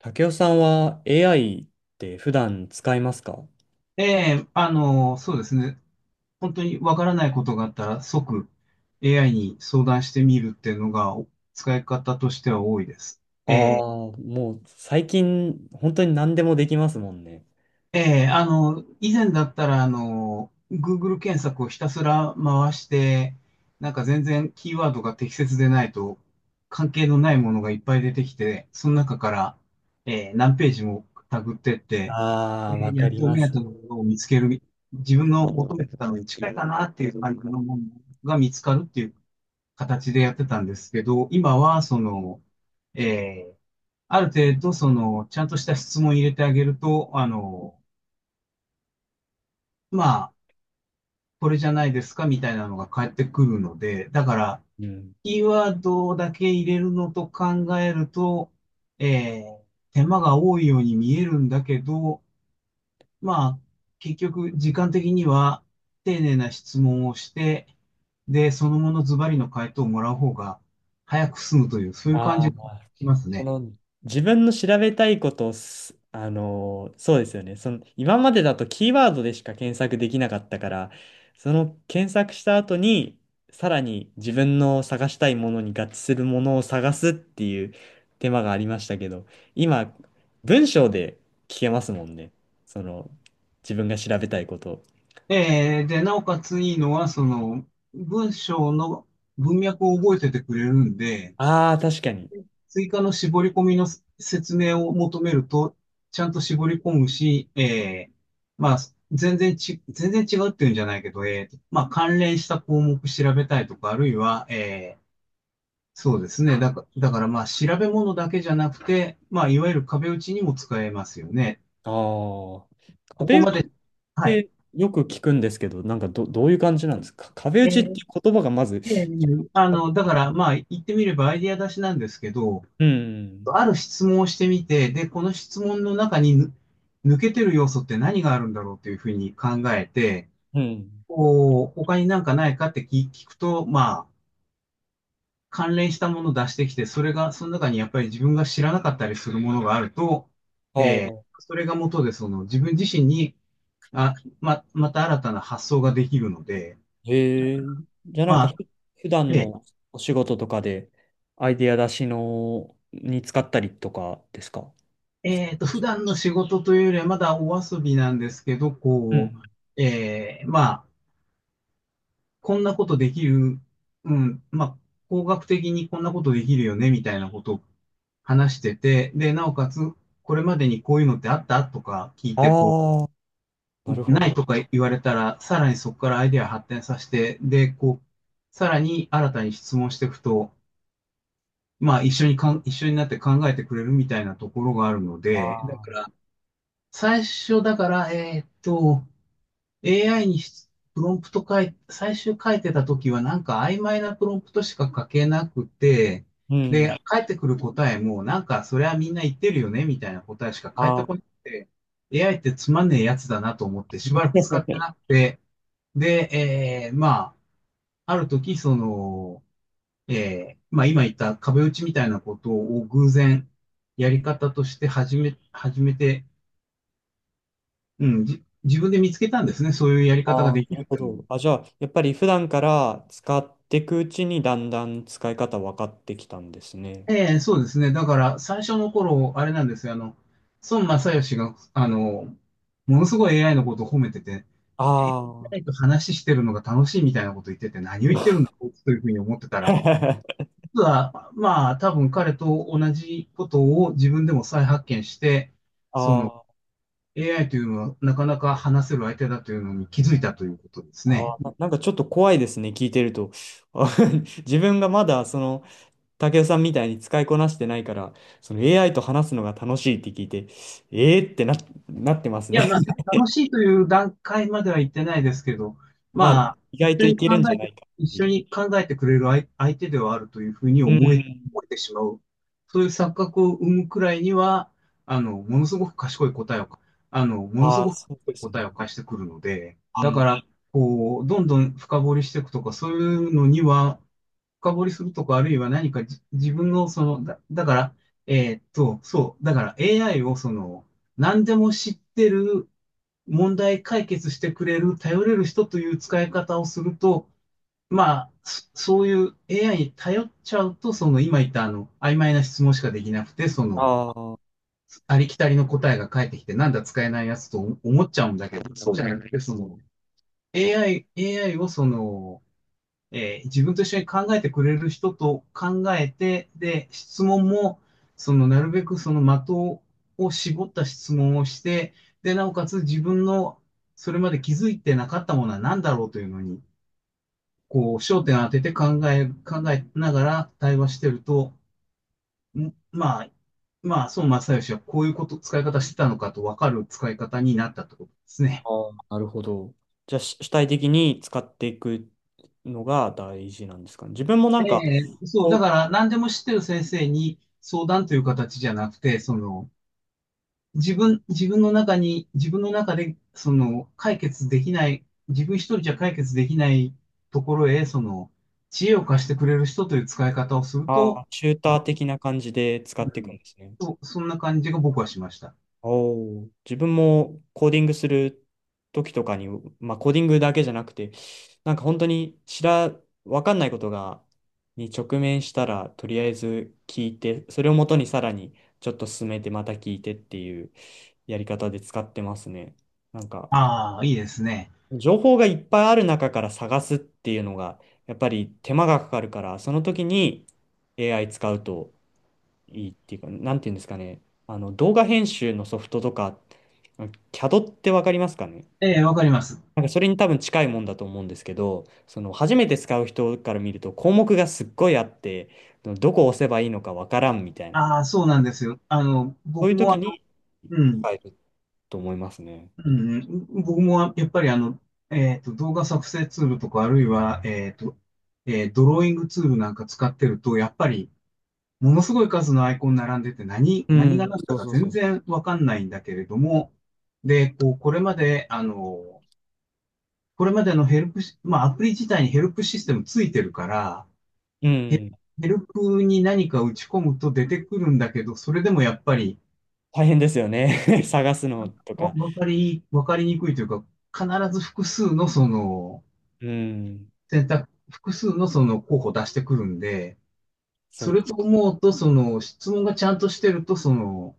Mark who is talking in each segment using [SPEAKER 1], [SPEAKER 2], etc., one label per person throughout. [SPEAKER 1] 竹雄さんは AI って普段使いますか？
[SPEAKER 2] えそうですね。本当にわからないことがあったら即 AI に相談してみるっていうのがお使い方としては多いです。
[SPEAKER 1] ああ
[SPEAKER 2] え
[SPEAKER 1] ー、もう最近本当に何でもできますもんね。
[SPEAKER 2] ええ、あの、以前だったら、Google 検索をひたすら回して、なんか全然キーワードが適切でないと、関係のないものがいっぱい出てきて、その中から、何ページもタグってって、
[SPEAKER 1] ああ、わ
[SPEAKER 2] や
[SPEAKER 1] か
[SPEAKER 2] っ
[SPEAKER 1] り
[SPEAKER 2] と
[SPEAKER 1] ま
[SPEAKER 2] 目当
[SPEAKER 1] す。
[SPEAKER 2] てのものを見つける、自分の求めてたのに近いかなっていう感じのものが見つかるっていう形でやってたんですけど、今は、その、ええ、ある程度、その、ちゃんとした質問を入れてあげると、まあ、これじゃないですかみたいなのが返ってくるので、だから、
[SPEAKER 1] うん。
[SPEAKER 2] キーワードだけ入れるのと考えると、えー手間が多いように見えるんだけど、まあ、結局、時間的には丁寧な質問をして、で、そのものズバリの回答をもらう方が早く済むという、そういう感
[SPEAKER 1] あ
[SPEAKER 2] じがします
[SPEAKER 1] そ
[SPEAKER 2] ね。
[SPEAKER 1] の自分の調べたいことをす、あのーそうですよね。その今までだとキーワードでしか検索できなかったから、その検索した後に、さらに自分の探したいものに合致するものを探すっていう手間がありましたけど、今、文章で聞けますもんね。その、自分が調べたいことを。
[SPEAKER 2] で、なおかついいのは、その、文章の文脈を覚えててくれるんで、
[SPEAKER 1] ああ、確かに。
[SPEAKER 2] 追加の絞り込みの説明を求めると、ちゃんと絞り込むし、まあ、全然違うっていうんじゃないけど、まあ、関連した項目調べたいとか、あるいは、ーそうですね。だからまあ、調べ物だけじゃなくて、まあ、いわゆる壁打ちにも使えますよね。
[SPEAKER 1] ああ、
[SPEAKER 2] こ
[SPEAKER 1] 壁
[SPEAKER 2] こ
[SPEAKER 1] 打
[SPEAKER 2] ま
[SPEAKER 1] ち
[SPEAKER 2] で、はい。
[SPEAKER 1] てよく聞くんですけど、どういう感じなんですか、壁打ちってい
[SPEAKER 2] え
[SPEAKER 1] う言葉がまず。
[SPEAKER 2] ええあの、だからまあ、言ってみればアイディア出しなんですけど、
[SPEAKER 1] うん、
[SPEAKER 2] ある質問をしてみて、で、この質問の中に抜けてる要素って何があるんだろうというふうに考えて、
[SPEAKER 1] うん。
[SPEAKER 2] こう、他になんかないかって聞くと、まあ、関連したものを出してきて、それが、その中にやっぱり自分が知らなかったりするものがあると、
[SPEAKER 1] ああ、
[SPEAKER 2] それが元で、その自分自身に、あ、ま、また新たな発想ができるので、
[SPEAKER 1] へえ。じゃあなん
[SPEAKER 2] ま
[SPEAKER 1] かふ、
[SPEAKER 2] あ、
[SPEAKER 1] 普段
[SPEAKER 2] で
[SPEAKER 1] のお仕事とかで、アイデア出しに使ったりとかですか？
[SPEAKER 2] 普段の仕事というよりはまだお遊びなんですけど、
[SPEAKER 1] う
[SPEAKER 2] こう、
[SPEAKER 1] ん。
[SPEAKER 2] まあ、こんなことできる、うん、まあ、工学的にこんなことできるよね、みたいなことを話してて、で、なおかつ、これまでにこういうのってあったとか聞いて、こ
[SPEAKER 1] ああ、な
[SPEAKER 2] う、
[SPEAKER 1] るほ
[SPEAKER 2] ない
[SPEAKER 1] ど。
[SPEAKER 2] とか言われたら、さらにそこからアイデア発展させて、で、こう、さらに新たに質問していくと、まあ、一緒になって考えてくれるみたいなところがあるので、だ
[SPEAKER 1] ああ、
[SPEAKER 2] から、最初だから、AI にプロンプト最終書いてた時はなんか曖昧なプロンプトしか書けなくて、
[SPEAKER 1] うん。
[SPEAKER 2] で、返ってくる答えもなんかそれはみんな言ってるよねみたいな答えしか返っ
[SPEAKER 1] あ
[SPEAKER 2] て
[SPEAKER 1] あ。
[SPEAKER 2] こなくて、AI ってつまんねえやつだなと思ってしばらく使って なくて、で、まあ、ある時その、まあ今言った壁打ちみたいなことを偶然やり方として始めて、うん、自分で見つけたんですね。そういうやり方
[SPEAKER 1] あ
[SPEAKER 2] が
[SPEAKER 1] あ、
[SPEAKER 2] でき
[SPEAKER 1] なる
[SPEAKER 2] るっ
[SPEAKER 1] ほ
[SPEAKER 2] ていうのを
[SPEAKER 1] ど。あ、じゃあ、やっぱり普段から使っていくうちにだんだん使い方分かってきたんですね。
[SPEAKER 2] そうですね。だから、最初の頃、あれなんですよ。あの、孫正義が、あの、ものすごい AI のことを褒めてて、
[SPEAKER 1] あ
[SPEAKER 2] 誰
[SPEAKER 1] あ。
[SPEAKER 2] と話してるのが楽しいみたいなこと言ってて、何を言ってるんだ、こいつというふうに思ってたら、実は、まあ、多分彼と同じことを自分でも再発見して、その、
[SPEAKER 1] ああ、
[SPEAKER 2] AI というのはなかなか話せる相手だというのに気づいたということですね。
[SPEAKER 1] ななんかちょっと怖いですね、聞いてると。あ。 自分がまだ、その、武雄さんみたいに使いこなしてないから、その AI と話すのが楽しいって聞いて、えーってな、なってます
[SPEAKER 2] い
[SPEAKER 1] ね。
[SPEAKER 2] や、まあ、楽しいという段階までは行ってないですけど、
[SPEAKER 1] まあ、
[SPEAKER 2] まあ、
[SPEAKER 1] 意
[SPEAKER 2] 一
[SPEAKER 1] 外と
[SPEAKER 2] 緒
[SPEAKER 1] い
[SPEAKER 2] に
[SPEAKER 1] け
[SPEAKER 2] 考
[SPEAKER 1] るんじゃ
[SPEAKER 2] え
[SPEAKER 1] な
[SPEAKER 2] て、
[SPEAKER 1] いか
[SPEAKER 2] 一
[SPEAKER 1] って
[SPEAKER 2] 緒
[SPEAKER 1] いう。
[SPEAKER 2] に考えてくれる相手ではあるというふうに
[SPEAKER 1] うん。
[SPEAKER 2] 思えてしまう。そういう錯覚を生むくらいには、ものすごく賢い答えを、ものす
[SPEAKER 1] ああ、
[SPEAKER 2] ごく
[SPEAKER 1] そう
[SPEAKER 2] 賢
[SPEAKER 1] で
[SPEAKER 2] い
[SPEAKER 1] す
[SPEAKER 2] 答え
[SPEAKER 1] ね。
[SPEAKER 2] を返してくるので、
[SPEAKER 1] う
[SPEAKER 2] だ
[SPEAKER 1] ん。
[SPEAKER 2] から、こう、どんどん深掘りしていくとか、そういうのには、深掘りするとか、あるいは何か自分の、その、だから、そう、だから AI をその、何でも知ってる、問題解決してくれる、頼れる人という使い方をすると、まあ、そういう AI に頼っちゃうと、その今言った曖昧な質問しかできなくて、その、
[SPEAKER 1] あー
[SPEAKER 2] ありきたりの答えが返ってきて、なんだ使えないやつと思っちゃうんだけど、そうじゃなくて、その、AI をその、自分と一緒に考えてくれる人と考えて、で、質問も、その、なるべくその的を絞った質問をして、で、なおかつ自分のそれまで気づいてなかったものは何だろうというのに、こう、焦点を当てて考えながら対話してると、まあ、まあ、孫正義はこういうこと、使い方してたのかと分かる使い方になったってことですね。
[SPEAKER 1] あー、なるほど。じゃあ、し主体的に使っていくのが大事なんですかね。自分もな
[SPEAKER 2] え
[SPEAKER 1] んか、
[SPEAKER 2] そう、
[SPEAKER 1] こ
[SPEAKER 2] だか
[SPEAKER 1] う、
[SPEAKER 2] ら何でも知ってる先生に相談という形じゃなくて、その、自分の中に、自分の中で、その、解決できない、自分一人じゃ解決できないところへ、その、知恵を貸してくれる人という使い方をする
[SPEAKER 1] あ
[SPEAKER 2] と、
[SPEAKER 1] あ、チューター的な感じで使
[SPEAKER 2] う
[SPEAKER 1] っていく
[SPEAKER 2] ん、
[SPEAKER 1] んですね。
[SPEAKER 2] そう、そんな感じが僕はしました。
[SPEAKER 1] おー自分もコーディングする時とかに、まあ、コーディングだけじゃなくて、なんか本当にわかんないことが、に直面したら、とりあえず聞いて、それをもとにさらにちょっと進めて、また聞いてっていうやり方で使ってますね。なんか、
[SPEAKER 2] ああ、いいですね。
[SPEAKER 1] 情報がいっぱいある中から探すっていうのが、やっぱり手間がかかるから、その時に AI 使うと、いいっていうか、なんていうんですかね。あの、動画編集のソフトとか、CAD ってわかりますかね？
[SPEAKER 2] ええ、わかります。
[SPEAKER 1] なんかそれに多分近いもんだと思うんですけど、その初めて使う人から見ると項目がすっごいあって、どこを押せばいいのかわからんみたいな、
[SPEAKER 2] ああ、そうなんですよ。あの、
[SPEAKER 1] そうい
[SPEAKER 2] 僕
[SPEAKER 1] う
[SPEAKER 2] も
[SPEAKER 1] 時
[SPEAKER 2] あ
[SPEAKER 1] に
[SPEAKER 2] の、うん、
[SPEAKER 1] 使えると思いますね。
[SPEAKER 2] うん僕もやっぱりあの、動画作成ツールとか、あるいは、ドローイングツールなんか使ってると、やっぱり、ものすごい数のアイコン並んでて
[SPEAKER 1] う
[SPEAKER 2] 何が
[SPEAKER 1] ん、
[SPEAKER 2] 何
[SPEAKER 1] そ
[SPEAKER 2] だ
[SPEAKER 1] う
[SPEAKER 2] か
[SPEAKER 1] そうそ
[SPEAKER 2] 全
[SPEAKER 1] うそ
[SPEAKER 2] 然わかんないんだけれども、で、こう、これまで、あの、これまでのヘルプし、まあ、アプリ自体にヘルプシステムついてるから、
[SPEAKER 1] う。う
[SPEAKER 2] ヘ
[SPEAKER 1] ん、
[SPEAKER 2] ヘルプに何か打ち込むと出てくるんだけど、それでもやっぱり、
[SPEAKER 1] 大変ですよね。探すのとか。
[SPEAKER 2] わかりにくいというか、必ず複数のその、
[SPEAKER 1] うん、
[SPEAKER 2] 複数のその候補出してくるんで、
[SPEAKER 1] そ
[SPEAKER 2] そ
[SPEAKER 1] う、
[SPEAKER 2] れと思うと、その、質問がちゃんとしてると、その、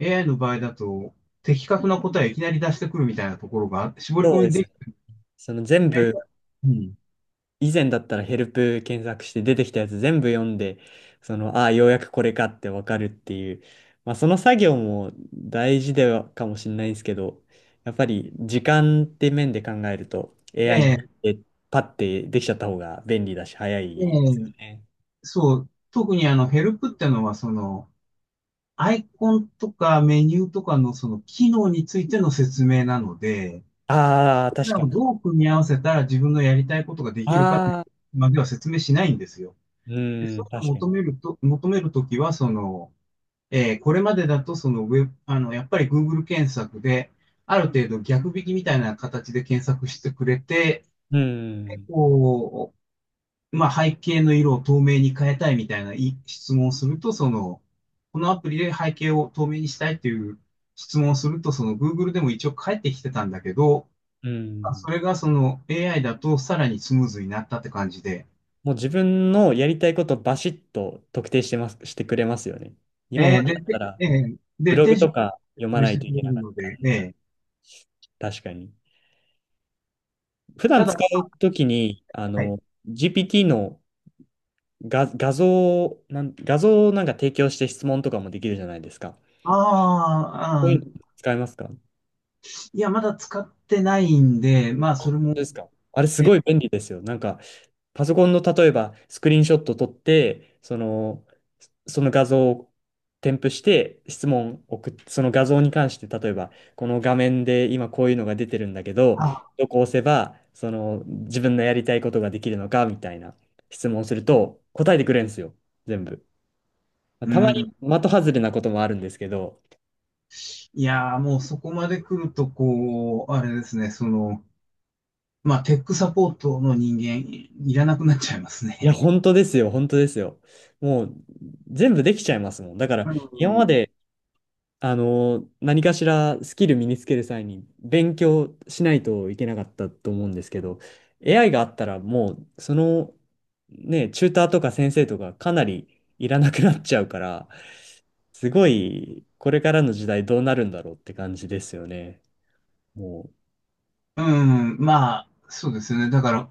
[SPEAKER 2] AI の場合だと、的確な答えをいきなり出してくるみたいなところがあって、絞り
[SPEAKER 1] そ
[SPEAKER 2] 込
[SPEAKER 1] うで
[SPEAKER 2] みで
[SPEAKER 1] す。
[SPEAKER 2] き
[SPEAKER 1] その全
[SPEAKER 2] ない。
[SPEAKER 1] 部
[SPEAKER 2] うん。
[SPEAKER 1] 以前だったらヘルプ検索して出てきたやつ全部読んで、その、ああ、ようやくこれかってわかるっていう、まあその作業も大事ではかもしれないんですけど、やっぱり時間って面で考えると AI
[SPEAKER 2] え
[SPEAKER 1] に
[SPEAKER 2] え、
[SPEAKER 1] パッてできちゃった方が便利だし早
[SPEAKER 2] え
[SPEAKER 1] いですよ
[SPEAKER 2] え、
[SPEAKER 1] ね。
[SPEAKER 2] そう。特にあの、ヘルプってのは、その、アイコンとかメニューとかのその機能についての説明なので、
[SPEAKER 1] ああ、
[SPEAKER 2] それ
[SPEAKER 1] 確
[SPEAKER 2] ら
[SPEAKER 1] か
[SPEAKER 2] を
[SPEAKER 1] に。
[SPEAKER 2] どう組み合わせたら自分のやりたいことができるかって
[SPEAKER 1] ああ、
[SPEAKER 2] までは説明しないんですよ。
[SPEAKER 1] う
[SPEAKER 2] で、そう
[SPEAKER 1] ん、
[SPEAKER 2] いう
[SPEAKER 1] 確
[SPEAKER 2] のを
[SPEAKER 1] か
[SPEAKER 2] 求
[SPEAKER 1] に。
[SPEAKER 2] めると、求めるときは、これまでだと、そのウェブ、あの、やっぱり Google 検索で、ある程度逆引きみたいな形で検索してくれて、
[SPEAKER 1] う
[SPEAKER 2] で
[SPEAKER 1] ん、
[SPEAKER 2] こう、まあ、背景の色を透明に変えたいみたいない質問をすると、このアプリで背景を透明にしたいという質問をすると、その Google でも一応返ってきてたんだけど、
[SPEAKER 1] う
[SPEAKER 2] まあ
[SPEAKER 1] ん。
[SPEAKER 2] それがその AI だとさらにスムーズになったって感じで、
[SPEAKER 1] もう自分のやりたいことバシッと特定してます、してくれますよね。今ま
[SPEAKER 2] えー
[SPEAKER 1] でだ
[SPEAKER 2] で、
[SPEAKER 1] った
[SPEAKER 2] て
[SPEAKER 1] ら、
[SPEAKER 2] えー
[SPEAKER 1] ブ
[SPEAKER 2] で、
[SPEAKER 1] ロ
[SPEAKER 2] 手
[SPEAKER 1] グ
[SPEAKER 2] 順
[SPEAKER 1] と
[SPEAKER 2] を
[SPEAKER 1] か
[SPEAKER 2] 説
[SPEAKER 1] 読ま
[SPEAKER 2] 明
[SPEAKER 1] な
[SPEAKER 2] し
[SPEAKER 1] い
[SPEAKER 2] て
[SPEAKER 1] とい
[SPEAKER 2] く
[SPEAKER 1] け
[SPEAKER 2] れる
[SPEAKER 1] なかっ
[SPEAKER 2] の
[SPEAKER 1] た
[SPEAKER 2] で、
[SPEAKER 1] んで。確かに。普段
[SPEAKER 2] ただ、
[SPEAKER 1] 使うときに、あ
[SPEAKER 2] はい。
[SPEAKER 1] の、GPT の画像を、画像をなんか提供して質問とかもできるじゃないですか。そう
[SPEAKER 2] あーあ
[SPEAKER 1] いうの
[SPEAKER 2] ー、
[SPEAKER 1] 使いますか、本
[SPEAKER 2] いや、まだ使ってないんで、まあ、それ
[SPEAKER 1] 当で
[SPEAKER 2] も、
[SPEAKER 1] すか？あれすごい
[SPEAKER 2] ね、
[SPEAKER 1] 便利ですよ。なんか、パソコンの例えばスクリーンショット撮って、その、その画像を添付して質問を送って、その画像に関して例えば、この画面で今こういうのが出てるんだけど、
[SPEAKER 2] あ、
[SPEAKER 1] どこ押せば、その自分のやりたいことができるのかみたいな質問をすると答えてくれるんですよ、全部。
[SPEAKER 2] う
[SPEAKER 1] たまに
[SPEAKER 2] ん。
[SPEAKER 1] 的外れなこともあるんですけど。
[SPEAKER 2] いやー、もうそこまで来ると、こう、あれですね、その、まあ、テックサポートの人間、いらなくなっちゃいます
[SPEAKER 1] いや、
[SPEAKER 2] ね。
[SPEAKER 1] 本当ですよ、本当ですよ。もう全部できちゃいますもん。だから
[SPEAKER 2] う
[SPEAKER 1] 今ま
[SPEAKER 2] ん、
[SPEAKER 1] であの、何かしらスキル身につける際に勉強しないといけなかったと思うんですけど、AI があったらもう、その、ね、チューターとか先生とかかなりいらなくなっちゃうから、すごい、これからの時代どうなるんだろうって感じですよね。もう、
[SPEAKER 2] うんまあ、そうですよね。だから、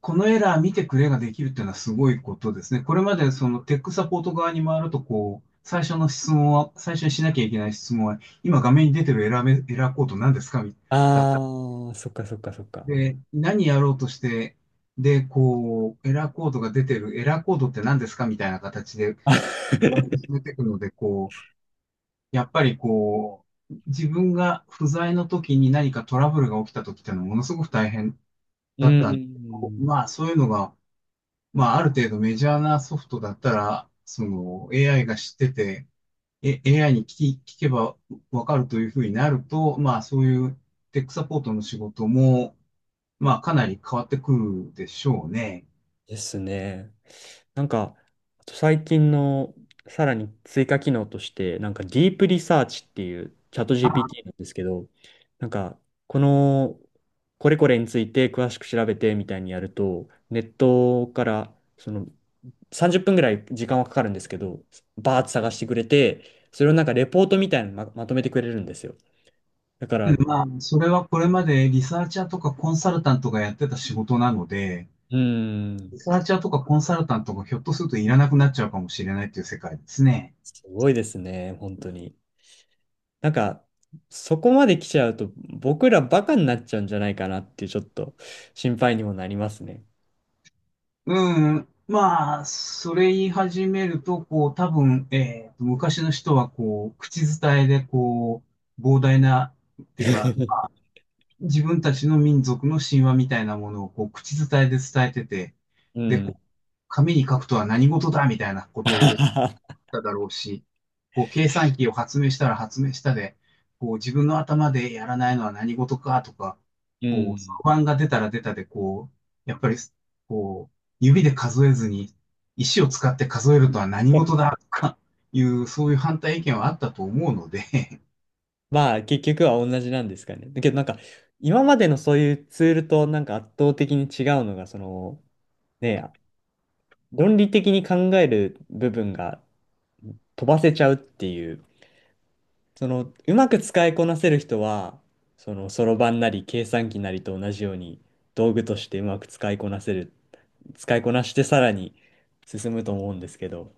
[SPEAKER 2] このエラー見てくれができるっていうのはすごいことですね。これまでそのテックサポート側に回ると、こう、最初の質問は、最初にしなきゃいけない質問は、今画面に出てるエラーコード何ですかみたいな
[SPEAKER 1] あー、そっかそっかそっか。
[SPEAKER 2] で、何やろうとして、で、こう、エラーコードって何ですかみたいな形で、こう進 めていくので、こう、やっぱりこう、自分が不在の時に何かトラブルが起きた時っていうのはものすごく大変
[SPEAKER 1] う
[SPEAKER 2] だったんですけど、
[SPEAKER 1] ん。
[SPEAKER 2] まあそういうのが、まあある程度メジャーなソフトだったら、その AI が知ってて、え AI に聞き、聞けばわかるというふうになると、まあそういうテックサポートの仕事も、まあ、かなり変わってくるでしょうね。
[SPEAKER 1] ですね。なんか、あと最近のさらに追加機能として、なんかディープリサーチっていうチャット GPT なんですけど、なんか、この、これこれについて詳しく調べてみたいにやると、ネットから、その、30分ぐらい時間はかかるんですけど、バーッと探してくれて、それをなんかレポートみたいなのま、まとめてくれるんですよ。だから、う
[SPEAKER 2] まあ、それはこれまでリサーチャーとかコンサルタントがやってた仕事なので、
[SPEAKER 1] ーん、
[SPEAKER 2] リサーチャーとかコンサルタントがひょっとするといらなくなっちゃうかもしれないっていう世界ですね。
[SPEAKER 1] すごいですね、本当に。なんか、そこまで来ちゃうと、僕らバカになっちゃうんじゃないかなっていう、ちょっと心配にもなりますね。
[SPEAKER 2] うん。まあ、それ言い始めると、多分、昔の人は、こう、口伝えで、こう、膨大な、っていうか、自分たちの民族の神話みたいなものを、こう、口伝えで伝えてて、
[SPEAKER 1] う
[SPEAKER 2] で、こ
[SPEAKER 1] ん。
[SPEAKER 2] う紙に書くとは何事だみたいなことを ただろうし、こう、計算機を発明したら発明したで、こう、自分の頭でやらないのは何事かとか、
[SPEAKER 1] う
[SPEAKER 2] こう、
[SPEAKER 1] ん。
[SPEAKER 2] 不安が出たら出たで、こう、やっぱり、こう、指で数えずに、石を使って数えるとは何事だとかいう、そういう反対意見はあったと思うので、
[SPEAKER 1] まあ、結局は同じなんですかね。だけど、なんか、今までのそういうツールと、なんか圧倒的に違うのが、その、ね、論理的に考える部分が飛ばせちゃうっていう、その、うまく使いこなせる人は、その、そろばんなり計算機なりと同じように、道具としてうまく使いこなしてさらに進むと思うんですけど、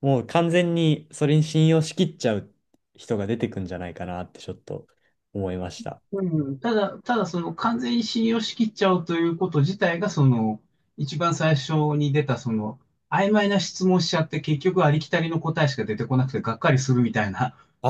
[SPEAKER 1] もう完全にそれに信用しきっちゃう人が出てくんじゃないかなってちょっと思いました。
[SPEAKER 2] うん、ただその完全に信用しきっちゃうということ自体が、その、一番最初に出た、その、曖昧な質問しちゃって、結局ありきたりの答えしか出てこなくてがっかりするみたいな、
[SPEAKER 1] あ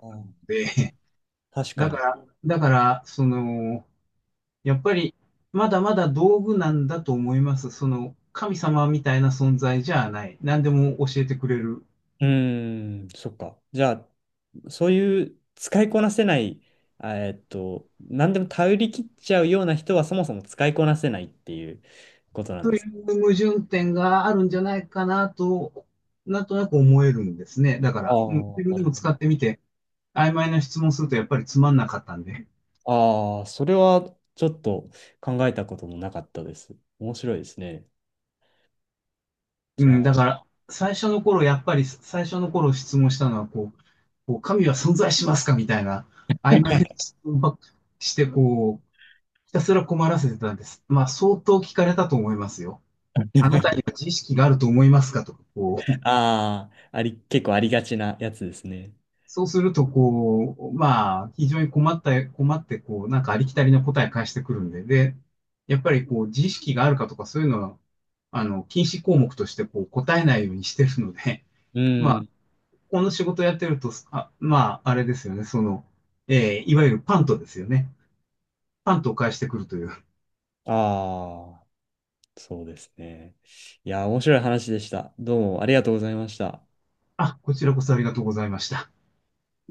[SPEAKER 1] あ、
[SPEAKER 2] で、
[SPEAKER 1] 確か
[SPEAKER 2] だか
[SPEAKER 1] に。
[SPEAKER 2] ら、だから、その、やっぱり、まだまだ道具なんだと思います。その、神様みたいな存在じゃない。何でも教えてくれる。
[SPEAKER 1] うーん、そっか。じゃあ、そういう使いこなせない、何でも頼り切っちゃうような人はそもそも使いこなせないっていうことなん
[SPEAKER 2] と
[SPEAKER 1] で
[SPEAKER 2] い
[SPEAKER 1] す。
[SPEAKER 2] う矛盾点があるんじゃないかなと、なんとなく思えるんですね。だか
[SPEAKER 1] あ
[SPEAKER 2] ら、うん
[SPEAKER 1] あ、
[SPEAKER 2] 自分
[SPEAKER 1] な
[SPEAKER 2] で
[SPEAKER 1] る
[SPEAKER 2] も
[SPEAKER 1] ほ
[SPEAKER 2] 使っ
[SPEAKER 1] ど。
[SPEAKER 2] てみて、曖昧な質問するとやっぱりつまんなかったんで。
[SPEAKER 1] ああ、それはちょっと考えたこともなかったです。面白いですね。
[SPEAKER 2] う
[SPEAKER 1] じゃ
[SPEAKER 2] ん、だ
[SPEAKER 1] あ。
[SPEAKER 2] から、最初の頃質問したのは、こう、神は存在しますかみたいな、曖昧な 質問ばっかりして、こう、ひたすら困らせてたんです。まあ、相当聞かれたと思いますよ。あなたには知識があると思いますかとか、こう。
[SPEAKER 1] ああ、あり、結構ありがちなやつですね。
[SPEAKER 2] そうすると、こう、まあ、非常に困った、困って、こう、なんかありきたりな答え返してくるんで、で、やっぱりこう、知識があるかとかそういうのは、あの、禁止項目としてこう、答えないようにしてるので、
[SPEAKER 1] う
[SPEAKER 2] まあ、
[SPEAKER 1] ん。
[SPEAKER 2] この仕事やってると、あ、まあ、あれですよね、その、えーいわゆるパントですよね。パントを返してくるという。
[SPEAKER 1] ああ、そうですね。いや、面白い話でした。どうもありがとうございました。
[SPEAKER 2] あ、こちらこそありがとうございました。